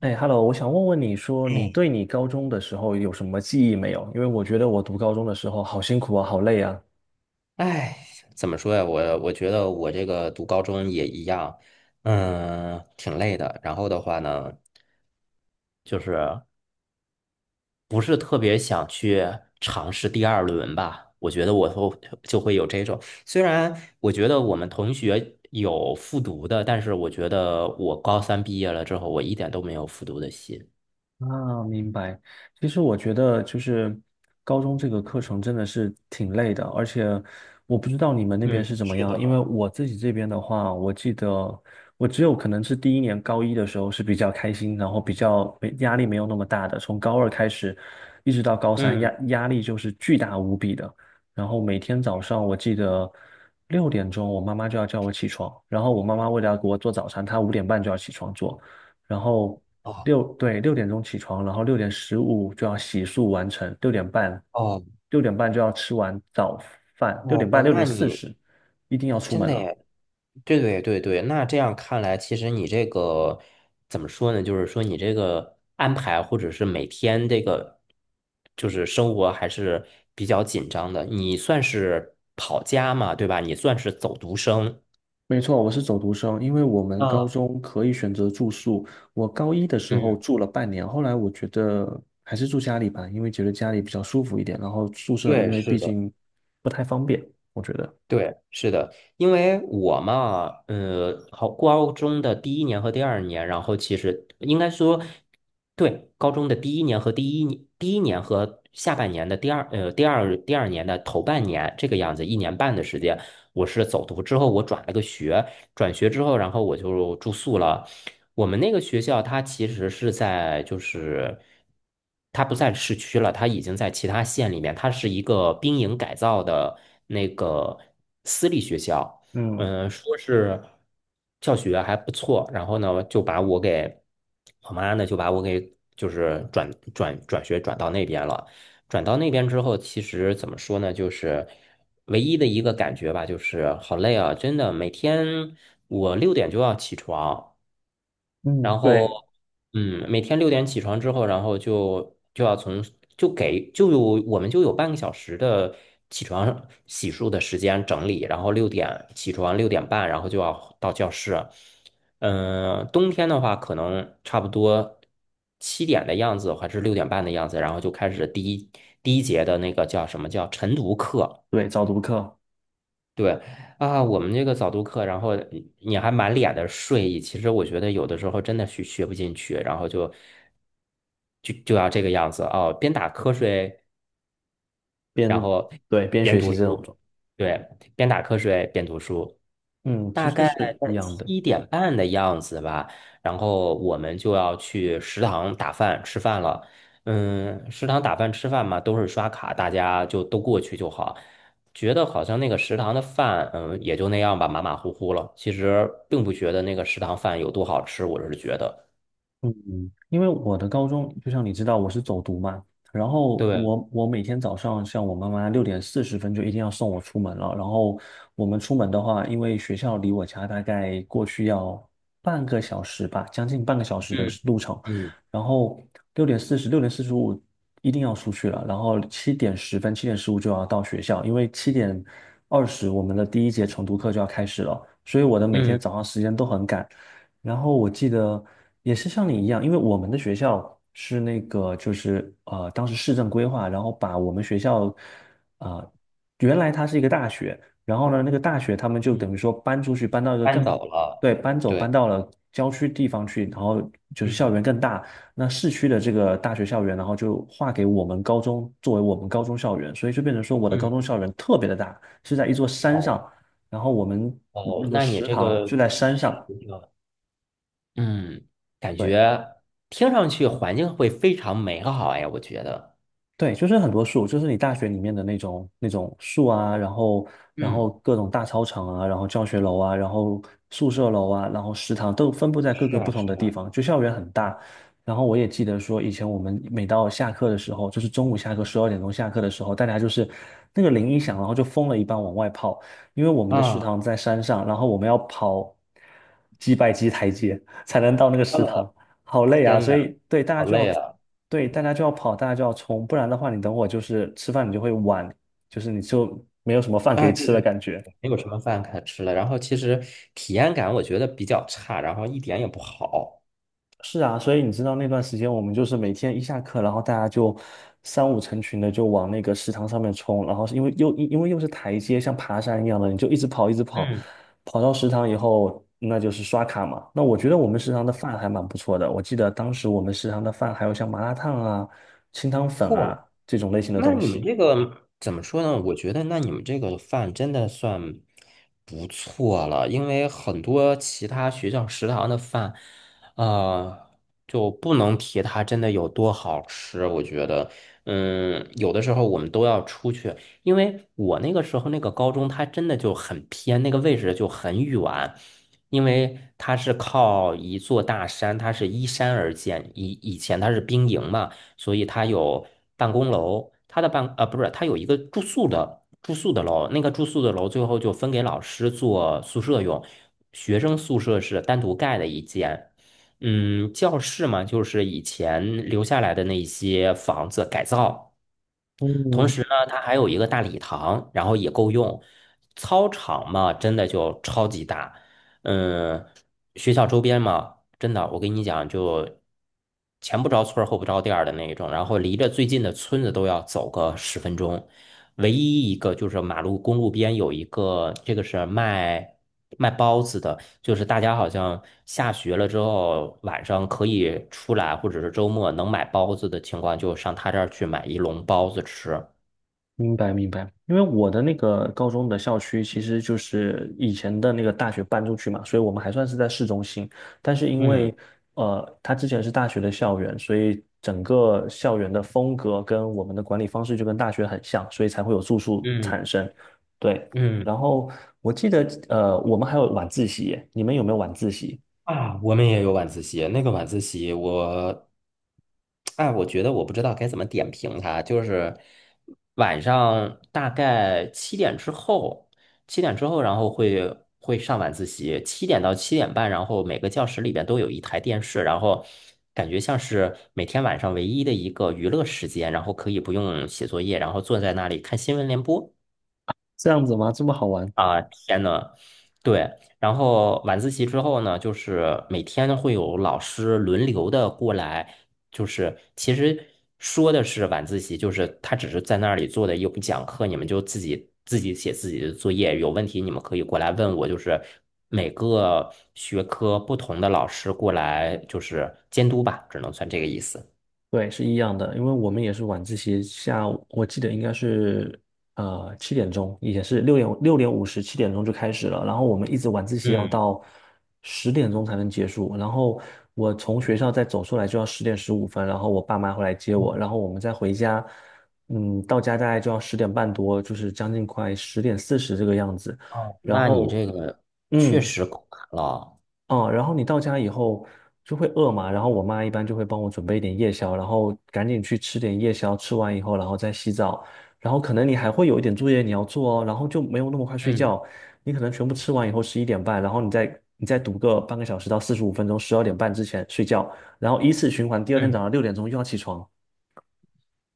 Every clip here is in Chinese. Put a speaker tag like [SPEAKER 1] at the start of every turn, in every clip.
[SPEAKER 1] 哎，Hello，我想问问你说，你
[SPEAKER 2] 哎，
[SPEAKER 1] 对你高中的时候有什么记忆没有？因为我觉得我读高中的时候好辛苦啊，好累啊。
[SPEAKER 2] 哎，怎么说呀？我觉得我这个读高中也一样，挺累的。然后的话呢，就是不是特别想去尝试第二轮吧？我觉得就会有这种。虽然我觉得我们同学有复读的，但是我觉得我高三毕业了之后，我一点都没有复读的心。
[SPEAKER 1] 啊，明白。其实我觉得就是高中这个课程真的是挺累的，而且我不知道你们那边
[SPEAKER 2] 嗯，
[SPEAKER 1] 是怎么
[SPEAKER 2] 是
[SPEAKER 1] 样，因为
[SPEAKER 2] 的，
[SPEAKER 1] 我自己这边的话，我记得我只有可能是第一年高一的时候是比较开心，然后比较没压力没有那么大的，从高二开始一直到高三，压
[SPEAKER 2] 嗯。
[SPEAKER 1] 压力就是巨大无比的。然后每天早上我记得六点钟，我妈妈就要叫我起床，然后我妈妈为了要给我做早餐，她5点半就要起床做。然后
[SPEAKER 2] 哦
[SPEAKER 1] 对，六点钟起床，然后6点15就要洗漱完成，六点半，
[SPEAKER 2] 哦
[SPEAKER 1] 六点半就要吃完早饭，六点
[SPEAKER 2] 哦
[SPEAKER 1] 半，
[SPEAKER 2] 哦，
[SPEAKER 1] 六点四十一定要出
[SPEAKER 2] 真
[SPEAKER 1] 门
[SPEAKER 2] 的
[SPEAKER 1] 了。
[SPEAKER 2] 耶，对对对对，那这样看来，其实你这个怎么说呢？就是说你这个安排，或者是每天这个就是生活还是比较紧张的。你算是跑家嘛，对吧？你算是走读生。
[SPEAKER 1] 没错，我是走读生，因为我们高
[SPEAKER 2] 嗯，
[SPEAKER 1] 中可以选择住宿。我高一的时候
[SPEAKER 2] 嗯，
[SPEAKER 1] 住了半年，后来我觉得还是住家里吧，因为觉得家里比较舒服一点，然后宿舍因
[SPEAKER 2] 对，
[SPEAKER 1] 为
[SPEAKER 2] 是
[SPEAKER 1] 毕
[SPEAKER 2] 的。
[SPEAKER 1] 竟不太方便，我觉得。
[SPEAKER 2] 对，是的，因为我嘛，好，高中的第一年和第二年，然后其实应该说，对，高中的第一年和下半年的第二年的头半年这个样子，一年半的时间，我是走读之后，我转了个学，转学之后，然后我就住宿了。我们那个学校它其实就是它不在市区了，它已经在其他县里面，它是一个兵营改造的那个私立学校。
[SPEAKER 1] 嗯
[SPEAKER 2] 说是教学还不错，然后呢就把我给我妈呢就把我给就是转学转到那边了。转到那边之后，其实怎么说呢，就是唯一的一个感觉吧，就是好累啊，真的，每天我六点就要起床。
[SPEAKER 1] 嗯，
[SPEAKER 2] 然后，
[SPEAKER 1] 对
[SPEAKER 2] 每天六点起床之后，然后就就要从就给就有我们就有半个小时的起床洗漱的时间整理，然后六点起床，六点半，然后就要到教室。冬天的话，可能差不多七点的样子，还是六点半的样子，然后就开始第一节的那个叫什么叫晨读课。
[SPEAKER 1] 对，早读课
[SPEAKER 2] 对啊，我们这个早读课，然后你还满脸的睡意，其实我觉得有的时候真的学不进去，然后就要这个样子哦，边打瞌睡，然
[SPEAKER 1] 边
[SPEAKER 2] 后
[SPEAKER 1] 对边
[SPEAKER 2] 边
[SPEAKER 1] 学
[SPEAKER 2] 读
[SPEAKER 1] 习这种。
[SPEAKER 2] 书，对，边打瞌睡边读书。
[SPEAKER 1] 嗯，其
[SPEAKER 2] 大
[SPEAKER 1] 实
[SPEAKER 2] 概
[SPEAKER 1] 是一
[SPEAKER 2] 在
[SPEAKER 1] 样的。
[SPEAKER 2] 七点半的样子吧，然后我们就要去食堂打饭吃饭了。嗯，食堂打饭吃饭嘛，都是刷卡，大家就都过去就好。觉得好像那个食堂的饭，也就那样吧，马马虎虎了。其实并不觉得那个食堂饭有多好吃，我是觉得，
[SPEAKER 1] 嗯，因为我的高中，就像你知道，我是走读嘛，然后
[SPEAKER 2] 对，
[SPEAKER 1] 我每天早上，像我妈妈6点40分就一定要送我出门了。然后我们出门的话，因为学校离我家大概过去要半个小时吧，将近半个小时的
[SPEAKER 2] 嗯
[SPEAKER 1] 路程。
[SPEAKER 2] 嗯
[SPEAKER 1] 然后六点四十、6点45一定要出去了，然后7点10分、7点15就要到学校，因为7点20我们的第一节晨读课就要开始了。所以我的每天
[SPEAKER 2] 嗯
[SPEAKER 1] 早上时间都很赶，然后我记得也是像你一样，因为我们的学校是那个就是当时市政规划，然后把我们学校啊、呃原来它是一个大学，然后呢，那个大学他们就等
[SPEAKER 2] 嗯，
[SPEAKER 1] 于说搬出去，搬到一个
[SPEAKER 2] 搬
[SPEAKER 1] 更好，
[SPEAKER 2] 走了，
[SPEAKER 1] 对，搬走搬
[SPEAKER 2] 对，
[SPEAKER 1] 到了郊区地方去，然后就是校园
[SPEAKER 2] 嗯
[SPEAKER 1] 更大。那市区的这个大学校园，然后就划给我们高中作为我们高中校园，所以就变成说我的高
[SPEAKER 2] 嗯，
[SPEAKER 1] 中校园特别的大，是在一座山
[SPEAKER 2] 哦
[SPEAKER 1] 上，然后我们
[SPEAKER 2] 哦，
[SPEAKER 1] 那个
[SPEAKER 2] 那你
[SPEAKER 1] 食
[SPEAKER 2] 这
[SPEAKER 1] 堂就
[SPEAKER 2] 个。
[SPEAKER 1] 在山上。
[SPEAKER 2] 嗯，感
[SPEAKER 1] 对。
[SPEAKER 2] 觉听上去环境会非常美好哎，我觉得。
[SPEAKER 1] 对，就是很多树，就是你大学里面的那种树啊，然后然
[SPEAKER 2] 嗯，
[SPEAKER 1] 后各种大操场啊，然后教学楼啊，然后宿舍楼啊，然后食堂都分布在各
[SPEAKER 2] 是
[SPEAKER 1] 个不
[SPEAKER 2] 啊，是
[SPEAKER 1] 同的地方，就校园很大。然后我也记得说，以前我们每到下课的时候，就是中午下课12点钟下课的时候，大家就是那个铃一响，然后就疯了一般往外跑，因为我们
[SPEAKER 2] 啊，
[SPEAKER 1] 的食
[SPEAKER 2] 啊，
[SPEAKER 1] 堂在山上，然后我们要跑几百级台阶才能到那个食
[SPEAKER 2] 呃，
[SPEAKER 1] 堂，好累啊，
[SPEAKER 2] 天
[SPEAKER 1] 所
[SPEAKER 2] 呐，
[SPEAKER 1] 以
[SPEAKER 2] 好累啊！
[SPEAKER 1] 对大家就要跑，大家就要冲，不然的话，你等会就是吃饭你就会晚，就是你就没有什么饭可
[SPEAKER 2] 啊，
[SPEAKER 1] 以
[SPEAKER 2] 对
[SPEAKER 1] 吃的
[SPEAKER 2] 对对，
[SPEAKER 1] 感觉。
[SPEAKER 2] 没有什么饭可吃了。然后其实体验感我觉得比较差，然后一点也不好。
[SPEAKER 1] 是啊，所以你知道那段时间我们就是每天一下课，然后大家就三五成群的就往那个食堂上面冲，然后是因为又因为又是台阶，像爬山一样的，你就一直跑一直跑，
[SPEAKER 2] 嗯，
[SPEAKER 1] 跑到食堂以后，那就是刷卡嘛。那我觉得我们食堂的饭还蛮不错的，我记得当时我们食堂的饭还有像麻辣烫啊、清汤粉
[SPEAKER 2] 嚯，
[SPEAKER 1] 啊这种类型的
[SPEAKER 2] 那
[SPEAKER 1] 东
[SPEAKER 2] 你们
[SPEAKER 1] 西。
[SPEAKER 2] 这个怎么说呢？我觉得，那你们这个饭真的算不错了，因为很多其他学校食堂的饭，呃，就不能提它真的有多好吃。我觉得，有的时候我们都要出去，因为我那个时候那个高中，它真的就很偏，那个位置就很远，因为它是靠一座大山，它是依山而建，以前它是兵营嘛。所以它有办公楼，它的不是，它有一个住宿的楼，那个住宿的楼最后就分给老师做宿舍用，学生宿舍是单独盖的一间。教室嘛，就是以前留下来的那些房子改造。同
[SPEAKER 1] 嗯，
[SPEAKER 2] 时呢，它还有一个大礼堂，然后也够用。操场嘛，真的就超级大。嗯，学校周边嘛，真的，我跟你讲，就前不着村儿后不着店儿的那一种，然后离着最近的村子都要走个10分钟。唯一一个就是马路公路边有一个，这个是卖包子的。就是大家好像下学了之后，晚上可以出来，或者是周末能买包子的情况，就上他这儿去买一笼包子吃。
[SPEAKER 1] 明白明白，因为我的那个高中的校区其实就是以前的那个大学搬出去嘛，所以我们还算是在市中心。但是因
[SPEAKER 2] 嗯
[SPEAKER 1] 为它之前是大学的校园，所以整个校园的风格跟我们的管理方式就跟大学很像，所以才会有住宿
[SPEAKER 2] 嗯
[SPEAKER 1] 产生。对，
[SPEAKER 2] 嗯
[SPEAKER 1] 然后我记得我们还有晚自习耶，你们有没有晚自习？
[SPEAKER 2] 啊，我们也有晚自习。那个晚自习我，哎，我觉得我不知道该怎么点评它。就是晚上大概七点之后，七点之后，然后会上晚自习，七点到七点半，然后每个教室里边都有一台电视，然后感觉像是每天晚上唯一的一个娱乐时间，然后可以不用写作业，然后坐在那里看新闻联播。
[SPEAKER 1] 这样子吗？这么好玩？
[SPEAKER 2] 啊，天呐，对，然后晚自习之后呢，就是每天会有老师轮流的过来，就是其实说的是晚自习，就是他只是在那里做的又不讲课，你们就自己写自己的作业，有问题你们可以过来问我，就是每个学科不同的老师过来就是监督吧，只能算这个意思。
[SPEAKER 1] 对，是一样的，因为我们也是晚自习，下午我记得应该是七点钟，也是六点五十七点钟就开始了，然后我们一直晚自习要
[SPEAKER 2] 嗯，
[SPEAKER 1] 到10点钟才能结束，然后我从学校再走出来就要10点15分，然后我爸妈会来接我，然后我们再回家，嗯，到家大概就要10点半多，就是将近快10点40这个样子，
[SPEAKER 2] 哦，
[SPEAKER 1] 然
[SPEAKER 2] 那你
[SPEAKER 1] 后
[SPEAKER 2] 这个确
[SPEAKER 1] 嗯。
[SPEAKER 2] 实够难了。
[SPEAKER 1] 哦，然后你到家以后就会饿嘛，然后我妈一般就会帮我准备一点夜宵，然后赶紧去吃点夜宵，吃完以后然后再洗澡，然后可能你还会有一点作业你要做哦，然后就没有那么快睡
[SPEAKER 2] 嗯
[SPEAKER 1] 觉，你可能全部吃完以后11点半，然后你再读个半个小时到45分钟，12点半之前睡觉，然后依次循环，第二天早
[SPEAKER 2] 嗯。
[SPEAKER 1] 上六点钟又要起床。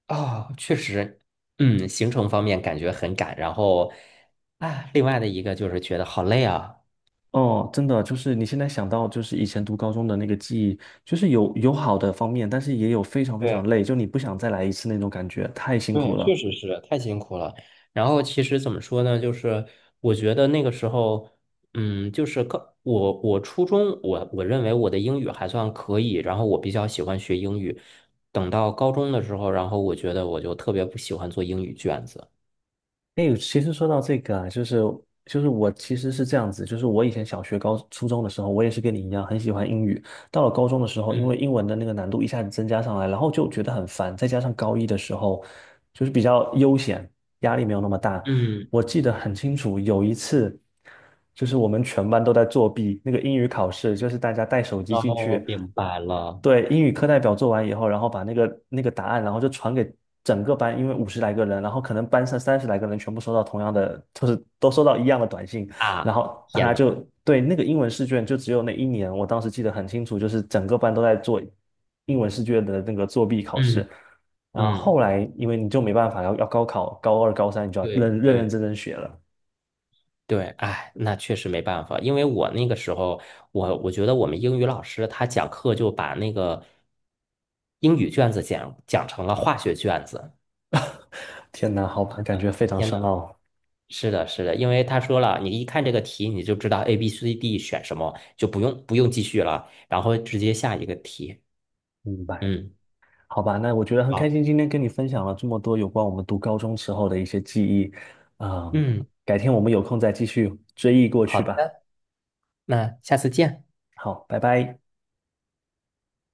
[SPEAKER 2] 哦，确实，行程方面感觉很赶，然后啊，另外的一个就是觉得好累啊。
[SPEAKER 1] 哦，真的就是你现在想到就是以前读高中的那个记忆，就是有好的方面，但是也有非常非常
[SPEAKER 2] 对
[SPEAKER 1] 累，就你不想再来一次那种感觉，太辛苦
[SPEAKER 2] 对，确
[SPEAKER 1] 了。
[SPEAKER 2] 实是太辛苦了。然后其实怎么说呢，就是我觉得那个时候，就是我初中我认为我的英语还算可以，然后我比较喜欢学英语。等到高中的时候，然后我觉得我就特别不喜欢做英语卷子。
[SPEAKER 1] 哎，其实说到这个啊，就是我其实是这样子，就是我以前小学、高初中的时候，我也是跟你一样很喜欢英语。到了高中的时候，因
[SPEAKER 2] 嗯
[SPEAKER 1] 为英文的那个难度一下子增加上来，然后就觉得很烦。再加上高一的时候，就是比较悠闲，压力没有那么大。
[SPEAKER 2] 嗯，
[SPEAKER 1] 我记得很清楚，有一次就是我们全班都在作弊，那个英语考试，就是大家带手机
[SPEAKER 2] 然
[SPEAKER 1] 进
[SPEAKER 2] 后
[SPEAKER 1] 去。
[SPEAKER 2] 明白了
[SPEAKER 1] 对，英语课代表做完以后，然后把那个答案，然后就传给整个班，因为50来个人，然后可能班上30来个人全部收到同样的，就是都收到一样的短信，然
[SPEAKER 2] 啊，
[SPEAKER 1] 后大
[SPEAKER 2] 天
[SPEAKER 1] 家
[SPEAKER 2] 呐，
[SPEAKER 1] 就对那个英文试卷，就只有那一年，我当时记得很清楚，就是整个班都在做英文试卷的那个作弊考试，
[SPEAKER 2] 嗯
[SPEAKER 1] 然后
[SPEAKER 2] 嗯。
[SPEAKER 1] 后来因为你就没办法要高考，高二高三你就要
[SPEAKER 2] 对
[SPEAKER 1] 认认认
[SPEAKER 2] 对
[SPEAKER 1] 真真学了，
[SPEAKER 2] 对，哎，那确实没办法，因为我那个时候，我觉得我们英语老师他讲课就把那个英语卷子讲成了化学卷子。
[SPEAKER 1] 天哪，好吧，感觉非常
[SPEAKER 2] 天
[SPEAKER 1] 深
[SPEAKER 2] 呐，
[SPEAKER 1] 奥，
[SPEAKER 2] 是的，是的，因为他说了，你一看这个题你就知道 A、B、C、D 选什么，就不用继续了，然后直接下一个题。
[SPEAKER 1] 明白。
[SPEAKER 2] 嗯，
[SPEAKER 1] 好吧，那我觉得很开
[SPEAKER 2] 好，
[SPEAKER 1] 心，今天跟你分享了这么多有关我们读高中时候的一些记忆，嗯，
[SPEAKER 2] 嗯，
[SPEAKER 1] 改天我们有空再继续追忆过
[SPEAKER 2] 好
[SPEAKER 1] 去吧。
[SPEAKER 2] 的，那下次见。
[SPEAKER 1] 好，拜拜。